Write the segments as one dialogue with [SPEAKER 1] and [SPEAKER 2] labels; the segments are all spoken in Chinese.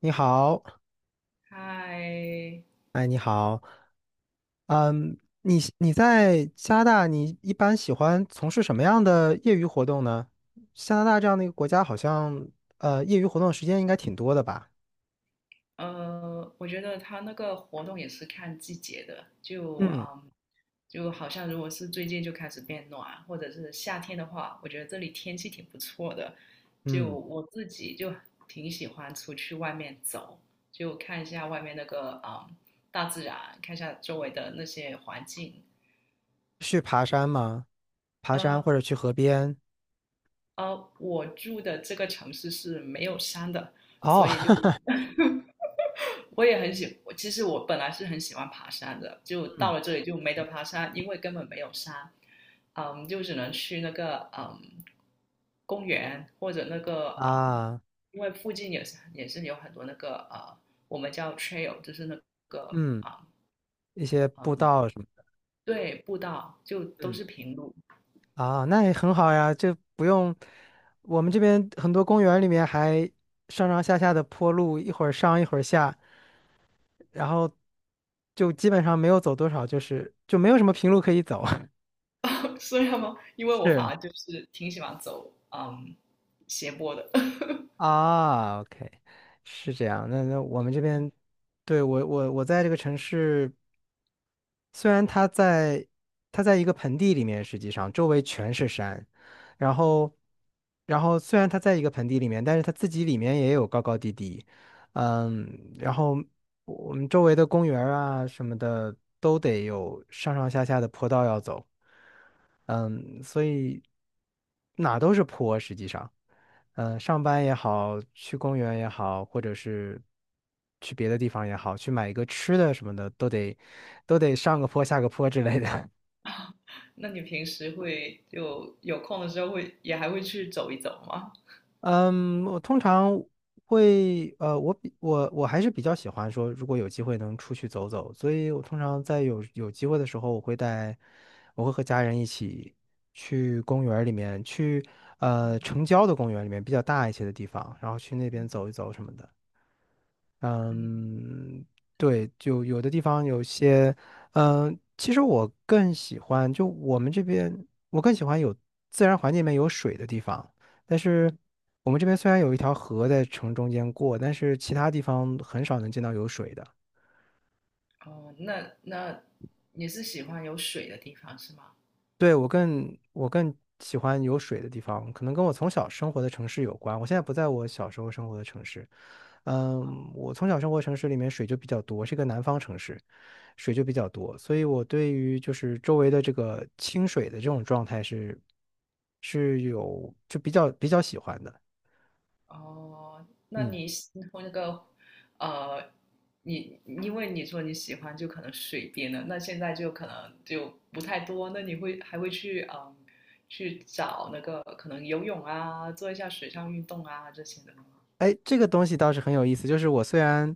[SPEAKER 1] 你好。
[SPEAKER 2] 嗨。
[SPEAKER 1] 哎，你好。嗯，你在加拿大，你一般喜欢从事什么样的业余活动呢？加拿大这样的一个国家，好像业余活动时间应该挺多的吧？
[SPEAKER 2] 我觉得他那个活动也是看季节的，就
[SPEAKER 1] 嗯
[SPEAKER 2] 就好像如果是最近就开始变暖，或者是夏天的话，我觉得这里天气挺不错的，就
[SPEAKER 1] 嗯。
[SPEAKER 2] 我自己就挺喜欢出去外面走，就看一下外面那个大自然，看一下周围的那些环境。
[SPEAKER 1] 去爬山吗？爬山
[SPEAKER 2] 呃，
[SPEAKER 1] 或者去河边？
[SPEAKER 2] 我住的这个城市是没有山的，
[SPEAKER 1] 哦。
[SPEAKER 2] 所以就 我也很喜，我其实本来是很喜欢爬山的，就 到
[SPEAKER 1] 嗯
[SPEAKER 2] 了这里就没得爬山，因为根本没有山。就只能去那个公园或者那个
[SPEAKER 1] 啊。
[SPEAKER 2] 因为附近也是有很多那个我们叫 trail,就是那个
[SPEAKER 1] 嗯，一些步道什么的。
[SPEAKER 2] 对，步道，就都
[SPEAKER 1] 嗯
[SPEAKER 2] 是平路。
[SPEAKER 1] 啊，那也很好呀，就不用。我们这边很多公园里面还上上下下的坡路，一会儿上一会儿下。然后就基本上没有走多少，就是就没有什么平路可以走。
[SPEAKER 2] 虽然吗？因为我反
[SPEAKER 1] 是
[SPEAKER 2] 而就是挺喜欢走斜坡的。
[SPEAKER 1] 啊，OK，是这样。那那我们这边，对，我在这个城市，虽然它在一个盆地里面，实际上周围全是山。然
[SPEAKER 2] 嗯。
[SPEAKER 1] 后然后虽然它在一个盆地里面，但是它自己里面也有高高低低。嗯，然后我们周围的公园儿啊什么的都得有上上下下的坡道要走。嗯，所以哪都是坡，实际上。嗯，上班也好，去公园也好，或者是去别的地方也好，去买一个吃的什么的，都得上个坡下个坡之类的。
[SPEAKER 2] 那你平时会就有空的时候会也还会去走一走吗？
[SPEAKER 1] 嗯，我通常会。呃，我还是比较喜欢说，如果有机会能出去走走，所以我通常在有机会的时候，我会带，我会和家人一起去公园儿里面，去城郊的公园里面比较大一些的地方，然后去那边走一走什么的。嗯，对，就有的地方有些。嗯，其实我更喜欢，就我们这边，我更喜欢有自然环境里面有水的地方。但是我们这边虽然有一条河在城中间过，但是其他地方很少能见到有水的。
[SPEAKER 2] 哦，那那你是喜欢有水的地方是吗？
[SPEAKER 1] 对，我更喜欢有水的地方，可能跟我从小生活的城市有关。我现在不在我小时候生活的城市。嗯，我从小生活城市里面水就比较多，是一个南方城市，水就比较多，所以我对于就是周围的这个清水的这种状态是有就比较喜欢的。
[SPEAKER 2] 哦，那
[SPEAKER 1] 嗯。
[SPEAKER 2] 你喜那个，呃，你因为你说你喜欢就可能水边的，那现在就可能就不太多，那你会还会去去找那个可能游泳啊，做一下水上运动啊这些的吗？
[SPEAKER 1] 哎，这个东西倒是很有意思。就是我虽然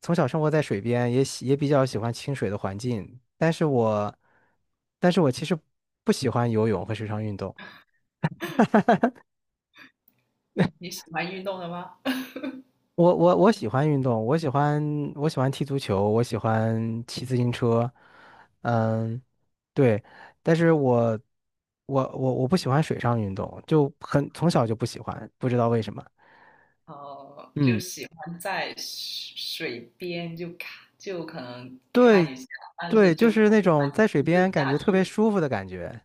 [SPEAKER 1] 从小生活在水边，也比较喜欢清水的环境，但是我其实不喜欢游泳和水上运动。
[SPEAKER 2] 你喜欢运动的吗？
[SPEAKER 1] 我喜欢运动，我喜欢踢足球，我喜欢骑自行车。嗯，对，但是我不喜欢水上运动，就很从小就不喜欢，不知道为什么。
[SPEAKER 2] 哦，就
[SPEAKER 1] 嗯，
[SPEAKER 2] 喜欢在水水边就看就可能
[SPEAKER 1] 对
[SPEAKER 2] 看一下，但
[SPEAKER 1] 对，
[SPEAKER 2] 是
[SPEAKER 1] 就
[SPEAKER 2] 就不
[SPEAKER 1] 是那
[SPEAKER 2] 喜欢
[SPEAKER 1] 种在水
[SPEAKER 2] 亲自
[SPEAKER 1] 边感
[SPEAKER 2] 下
[SPEAKER 1] 觉特别
[SPEAKER 2] 去
[SPEAKER 1] 舒服的感觉。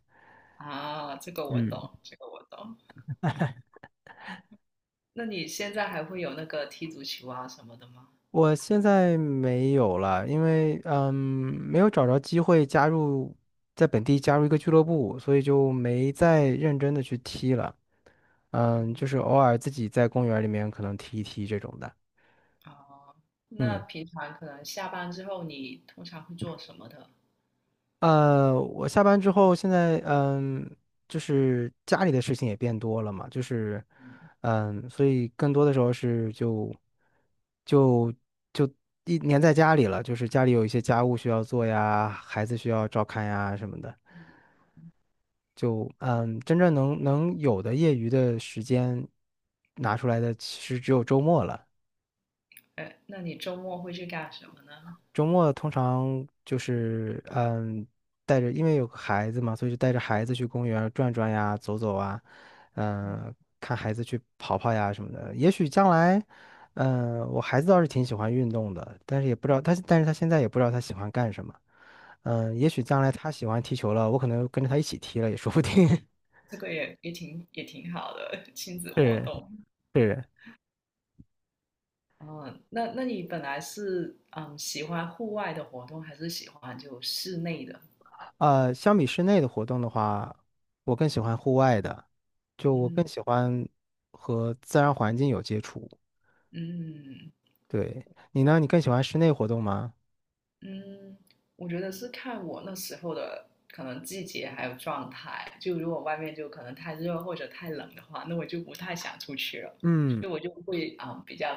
[SPEAKER 2] 啊，这个我
[SPEAKER 1] 嗯。
[SPEAKER 2] 懂，这个我懂。那你现在还会有那个踢足球啊什么的吗？
[SPEAKER 1] 我现在没有了，因为没有找着机会在本地加入一个俱乐部，所以就没再认真的去踢了。嗯，
[SPEAKER 2] 嗯。
[SPEAKER 1] 就是偶尔自己在公园里面可能踢一踢这种的。
[SPEAKER 2] 哦，那
[SPEAKER 1] 嗯。
[SPEAKER 2] 平常可能下班之后你通常会做什么的？
[SPEAKER 1] 我下班之后，现在就是家里的事情也变多了嘛，就是所以更多的时候是就就一黏在家里了，就是家里有一些家务需要做呀，孩子需要照看呀什么的，就真正能有的业余的时间拿出来的，其实只有周末了。
[SPEAKER 2] 哎，那你周末会去干什么呢？
[SPEAKER 1] 周末通常就是带着因为有个孩子嘛，所以就带着孩子去公园儿转转呀、走走啊。嗯，看孩子去跑跑呀什么的。也许将来，嗯，我孩子倒是挺喜欢运动的，但是他现在也不知道他喜欢干什么。嗯，也许将来他喜欢踢球了，我可能跟着他一起踢了也说不定。
[SPEAKER 2] 这个也挺好的 亲子活
[SPEAKER 1] 是
[SPEAKER 2] 动。
[SPEAKER 1] 是。
[SPEAKER 2] 嗯，那那你本来是喜欢户外的活动，还是喜欢就室内的？
[SPEAKER 1] 呃，相比室内的活动的话，我更喜欢户外的，就我更
[SPEAKER 2] 嗯
[SPEAKER 1] 喜欢和自然环境有接触。
[SPEAKER 2] 嗯
[SPEAKER 1] 对，你呢？你更喜欢室内活动吗？
[SPEAKER 2] 嗯，我觉得是看我那时候的可能季节还有状态。就如果外面就可能太热或者太冷的话，那我就不太想出去了。
[SPEAKER 1] 嗯。
[SPEAKER 2] 就我就会比较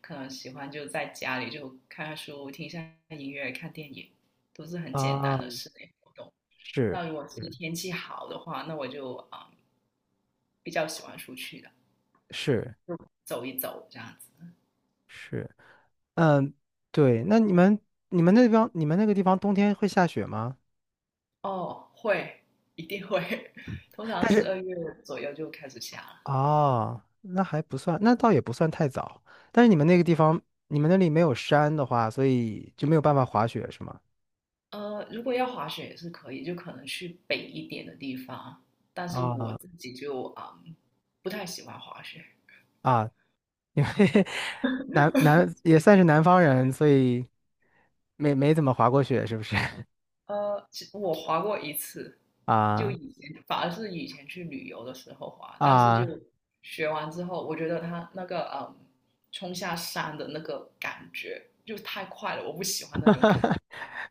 [SPEAKER 2] 可能喜欢就在家里就看看书、听一下音乐、看电影，都是很简
[SPEAKER 1] 啊，
[SPEAKER 2] 单的室内活动。
[SPEAKER 1] 是
[SPEAKER 2] 那如果是
[SPEAKER 1] 是
[SPEAKER 2] 天气好的话，那我就比较喜欢出去的，
[SPEAKER 1] 是
[SPEAKER 2] 走一走这样子。
[SPEAKER 1] 是。嗯，对。那你们那个地方冬天会下雪吗？
[SPEAKER 2] 哦，会，一定会。通常
[SPEAKER 1] 但是
[SPEAKER 2] 12月左右就开始下了。
[SPEAKER 1] 哦，那还不算，那倒也不算太早。但是你们那个地方，你们那里没有山的话，所以就没有办法滑雪，是吗？
[SPEAKER 2] 如果要滑雪也是可以，就可能去北一点的地方。但是我
[SPEAKER 1] 啊
[SPEAKER 2] 自己就不太喜欢滑雪。
[SPEAKER 1] 啊。因为 南也算是南方人，所以没怎么滑过雪，是不是？
[SPEAKER 2] 其我滑过一次，就
[SPEAKER 1] 啊
[SPEAKER 2] 以前反而是以前去旅游的时候滑，但是
[SPEAKER 1] 啊。
[SPEAKER 2] 就学完之后，我觉得他那个冲下山的那个感觉就太快了，我不喜欢 那
[SPEAKER 1] 哈
[SPEAKER 2] 种感
[SPEAKER 1] 哈，
[SPEAKER 2] 觉。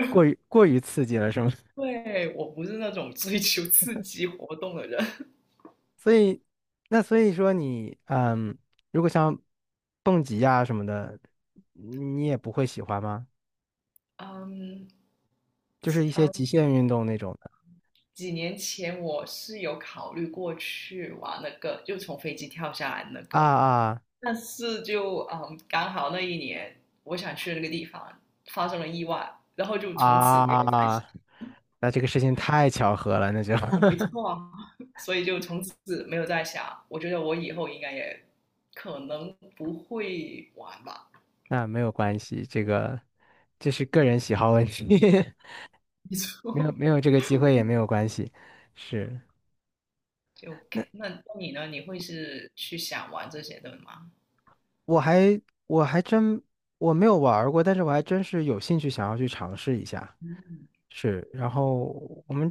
[SPEAKER 1] 过于刺激了，是吗？
[SPEAKER 2] 对，我不是那种追求刺激活动的人。
[SPEAKER 1] 所以，那所以说你，嗯，如果像蹦极呀什么的，你也不会喜欢吗？
[SPEAKER 2] 嗯。
[SPEAKER 1] 就是一些极
[SPEAKER 2] 嗯
[SPEAKER 1] 限运动那种的。
[SPEAKER 2] 几年前我是有考虑过去玩那个，就从飞机跳下来那
[SPEAKER 1] 啊
[SPEAKER 2] 个，
[SPEAKER 1] 啊
[SPEAKER 2] 但是就刚好那一年我想去的那个地方发生了意外，然后就从此没有再
[SPEAKER 1] 啊！
[SPEAKER 2] 想。
[SPEAKER 1] 那这个事情太巧合了，那就。
[SPEAKER 2] 没 错啊，所以就从此没有再想。我觉得我以后应该也可能不会玩吧。
[SPEAKER 1] 那没有关系，这是个人喜好问题。
[SPEAKER 2] 没
[SPEAKER 1] 没有
[SPEAKER 2] 错。
[SPEAKER 1] 没有这个机会也没有关系，是。
[SPEAKER 2] 就那那你呢？你会是去想玩这些的吗？
[SPEAKER 1] 我还我还真我没有玩儿过，但是我还真是有兴趣想要去尝试一下。是，然后我们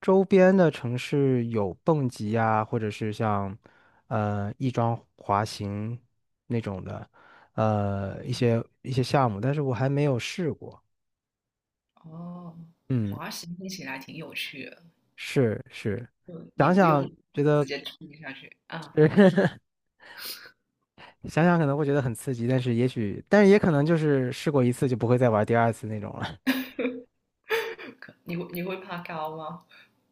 [SPEAKER 1] 周边的城市有蹦极呀，或者是像翼装滑行那种的，一些项目，但是我还没有试过。
[SPEAKER 2] 哦，
[SPEAKER 1] 嗯，
[SPEAKER 2] 滑行听起来挺有趣的。
[SPEAKER 1] 是是。
[SPEAKER 2] 就你
[SPEAKER 1] 想
[SPEAKER 2] 不
[SPEAKER 1] 想
[SPEAKER 2] 用
[SPEAKER 1] 觉
[SPEAKER 2] 直
[SPEAKER 1] 得。
[SPEAKER 2] 接踢下去啊。
[SPEAKER 1] 想想可能会觉得很刺激，但是也可能就是试过一次就不会再玩第二次那种了。
[SPEAKER 2] 你会你会怕高吗？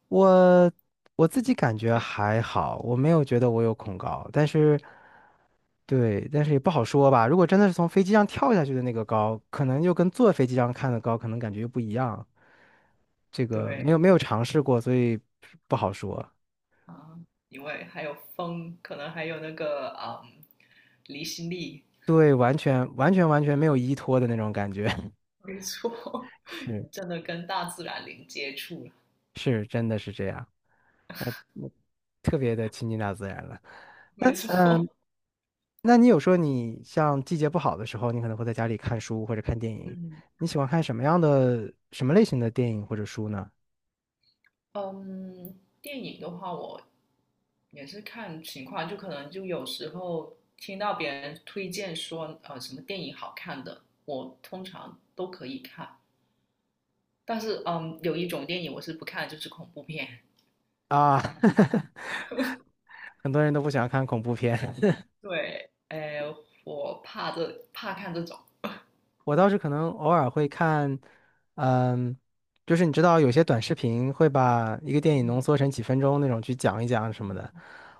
[SPEAKER 1] 我我自己感觉还好，我没有觉得我有恐高，但是，对，但是也不好说吧。如果真的是从飞机上跳下去的那个高，可能又跟坐飞机上看的高，可能感觉又不一样。这个没有
[SPEAKER 2] 对。
[SPEAKER 1] 没有尝试过，所以不好说。
[SPEAKER 2] 啊，因为还有风，可能还有那个离心力。
[SPEAKER 1] 对，完全没有依托的那种感觉。
[SPEAKER 2] 没错，
[SPEAKER 1] 是
[SPEAKER 2] 你真的跟大自然零接触了。
[SPEAKER 1] 是，真的是这样。那特别的亲近大自然了。
[SPEAKER 2] 没
[SPEAKER 1] 那。
[SPEAKER 2] 错。
[SPEAKER 1] 那你有说你像季节不好的时候，你可能会在家里看书或者看电影，
[SPEAKER 2] 嗯。
[SPEAKER 1] 你喜欢看什么类型的电影或者书呢？
[SPEAKER 2] 嗯，电影的话，我也是看情况，就可能就有时候听到别人推荐说什么电影好看的，我通常都可以看。但是有一种电影我是不看就是恐怖片。
[SPEAKER 1] 啊。很多人都不喜欢看恐怖片。
[SPEAKER 2] 对，哎，我怕这怕看这种。
[SPEAKER 1] 我倒是可能偶尔会看。嗯，就是你知道有些短视频会把一个电影浓
[SPEAKER 2] 嗯，
[SPEAKER 1] 缩成几分钟那种去讲一讲什么的，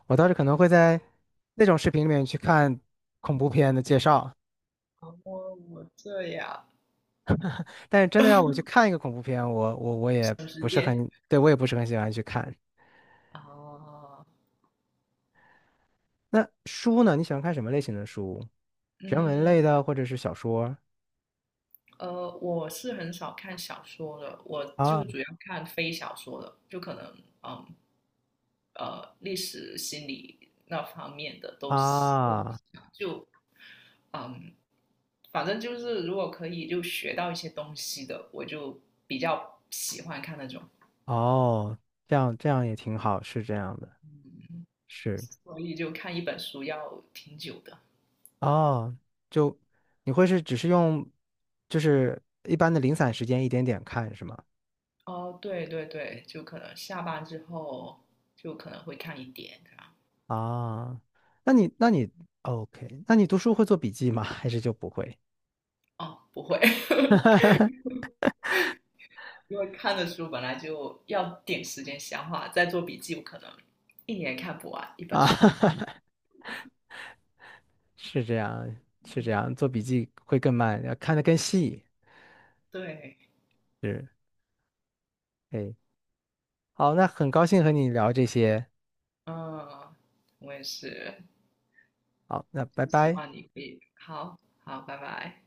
[SPEAKER 1] 我倒是可能会在那种视频里面去看恐怖片的介绍，
[SPEAKER 2] 我我这样
[SPEAKER 1] 但是真的要我去看一个恐怖片，我也
[SPEAKER 2] 省时
[SPEAKER 1] 不是
[SPEAKER 2] 间。
[SPEAKER 1] 很，对，我也不是很喜欢去看。
[SPEAKER 2] 啊。
[SPEAKER 1] 那书呢？你喜欢看什么类型的书？人文
[SPEAKER 2] 嗯，
[SPEAKER 1] 类的，或者是小说？
[SPEAKER 2] 我是很少看小说的，我就
[SPEAKER 1] 啊
[SPEAKER 2] 主要看非小说的，就可能嗯，历史、心理那方面的都喜。
[SPEAKER 1] 啊。
[SPEAKER 2] 嗯，反正就是如果可以就学到一些东西的，我就比较喜欢看那种。
[SPEAKER 1] 哦，这样这样也挺好，是这样的，是。
[SPEAKER 2] 所以就看一本书要挺久的。
[SPEAKER 1] 哦，就你会是只是用就是一般的零散时间一点点看是吗？
[SPEAKER 2] 哦，对对对，就可能下班之后就可能会看一点，这样。
[SPEAKER 1] 啊，那你 OK，那你读书会做笔记吗？还是就不会
[SPEAKER 2] 哦，不会。因为看的书本来就要点时间消化，再做笔记，不可能一年看不完一本
[SPEAKER 1] 啊？
[SPEAKER 2] 书了。
[SPEAKER 1] 是这样，是这样，做笔记会更慢，要看得更细。
[SPEAKER 2] 对。
[SPEAKER 1] 是。哎，好，那很高兴和你聊这些。
[SPEAKER 2] 嗯，我也是，
[SPEAKER 1] 好，那拜
[SPEAKER 2] 希
[SPEAKER 1] 拜。
[SPEAKER 2] 望你可以。好，好，拜拜。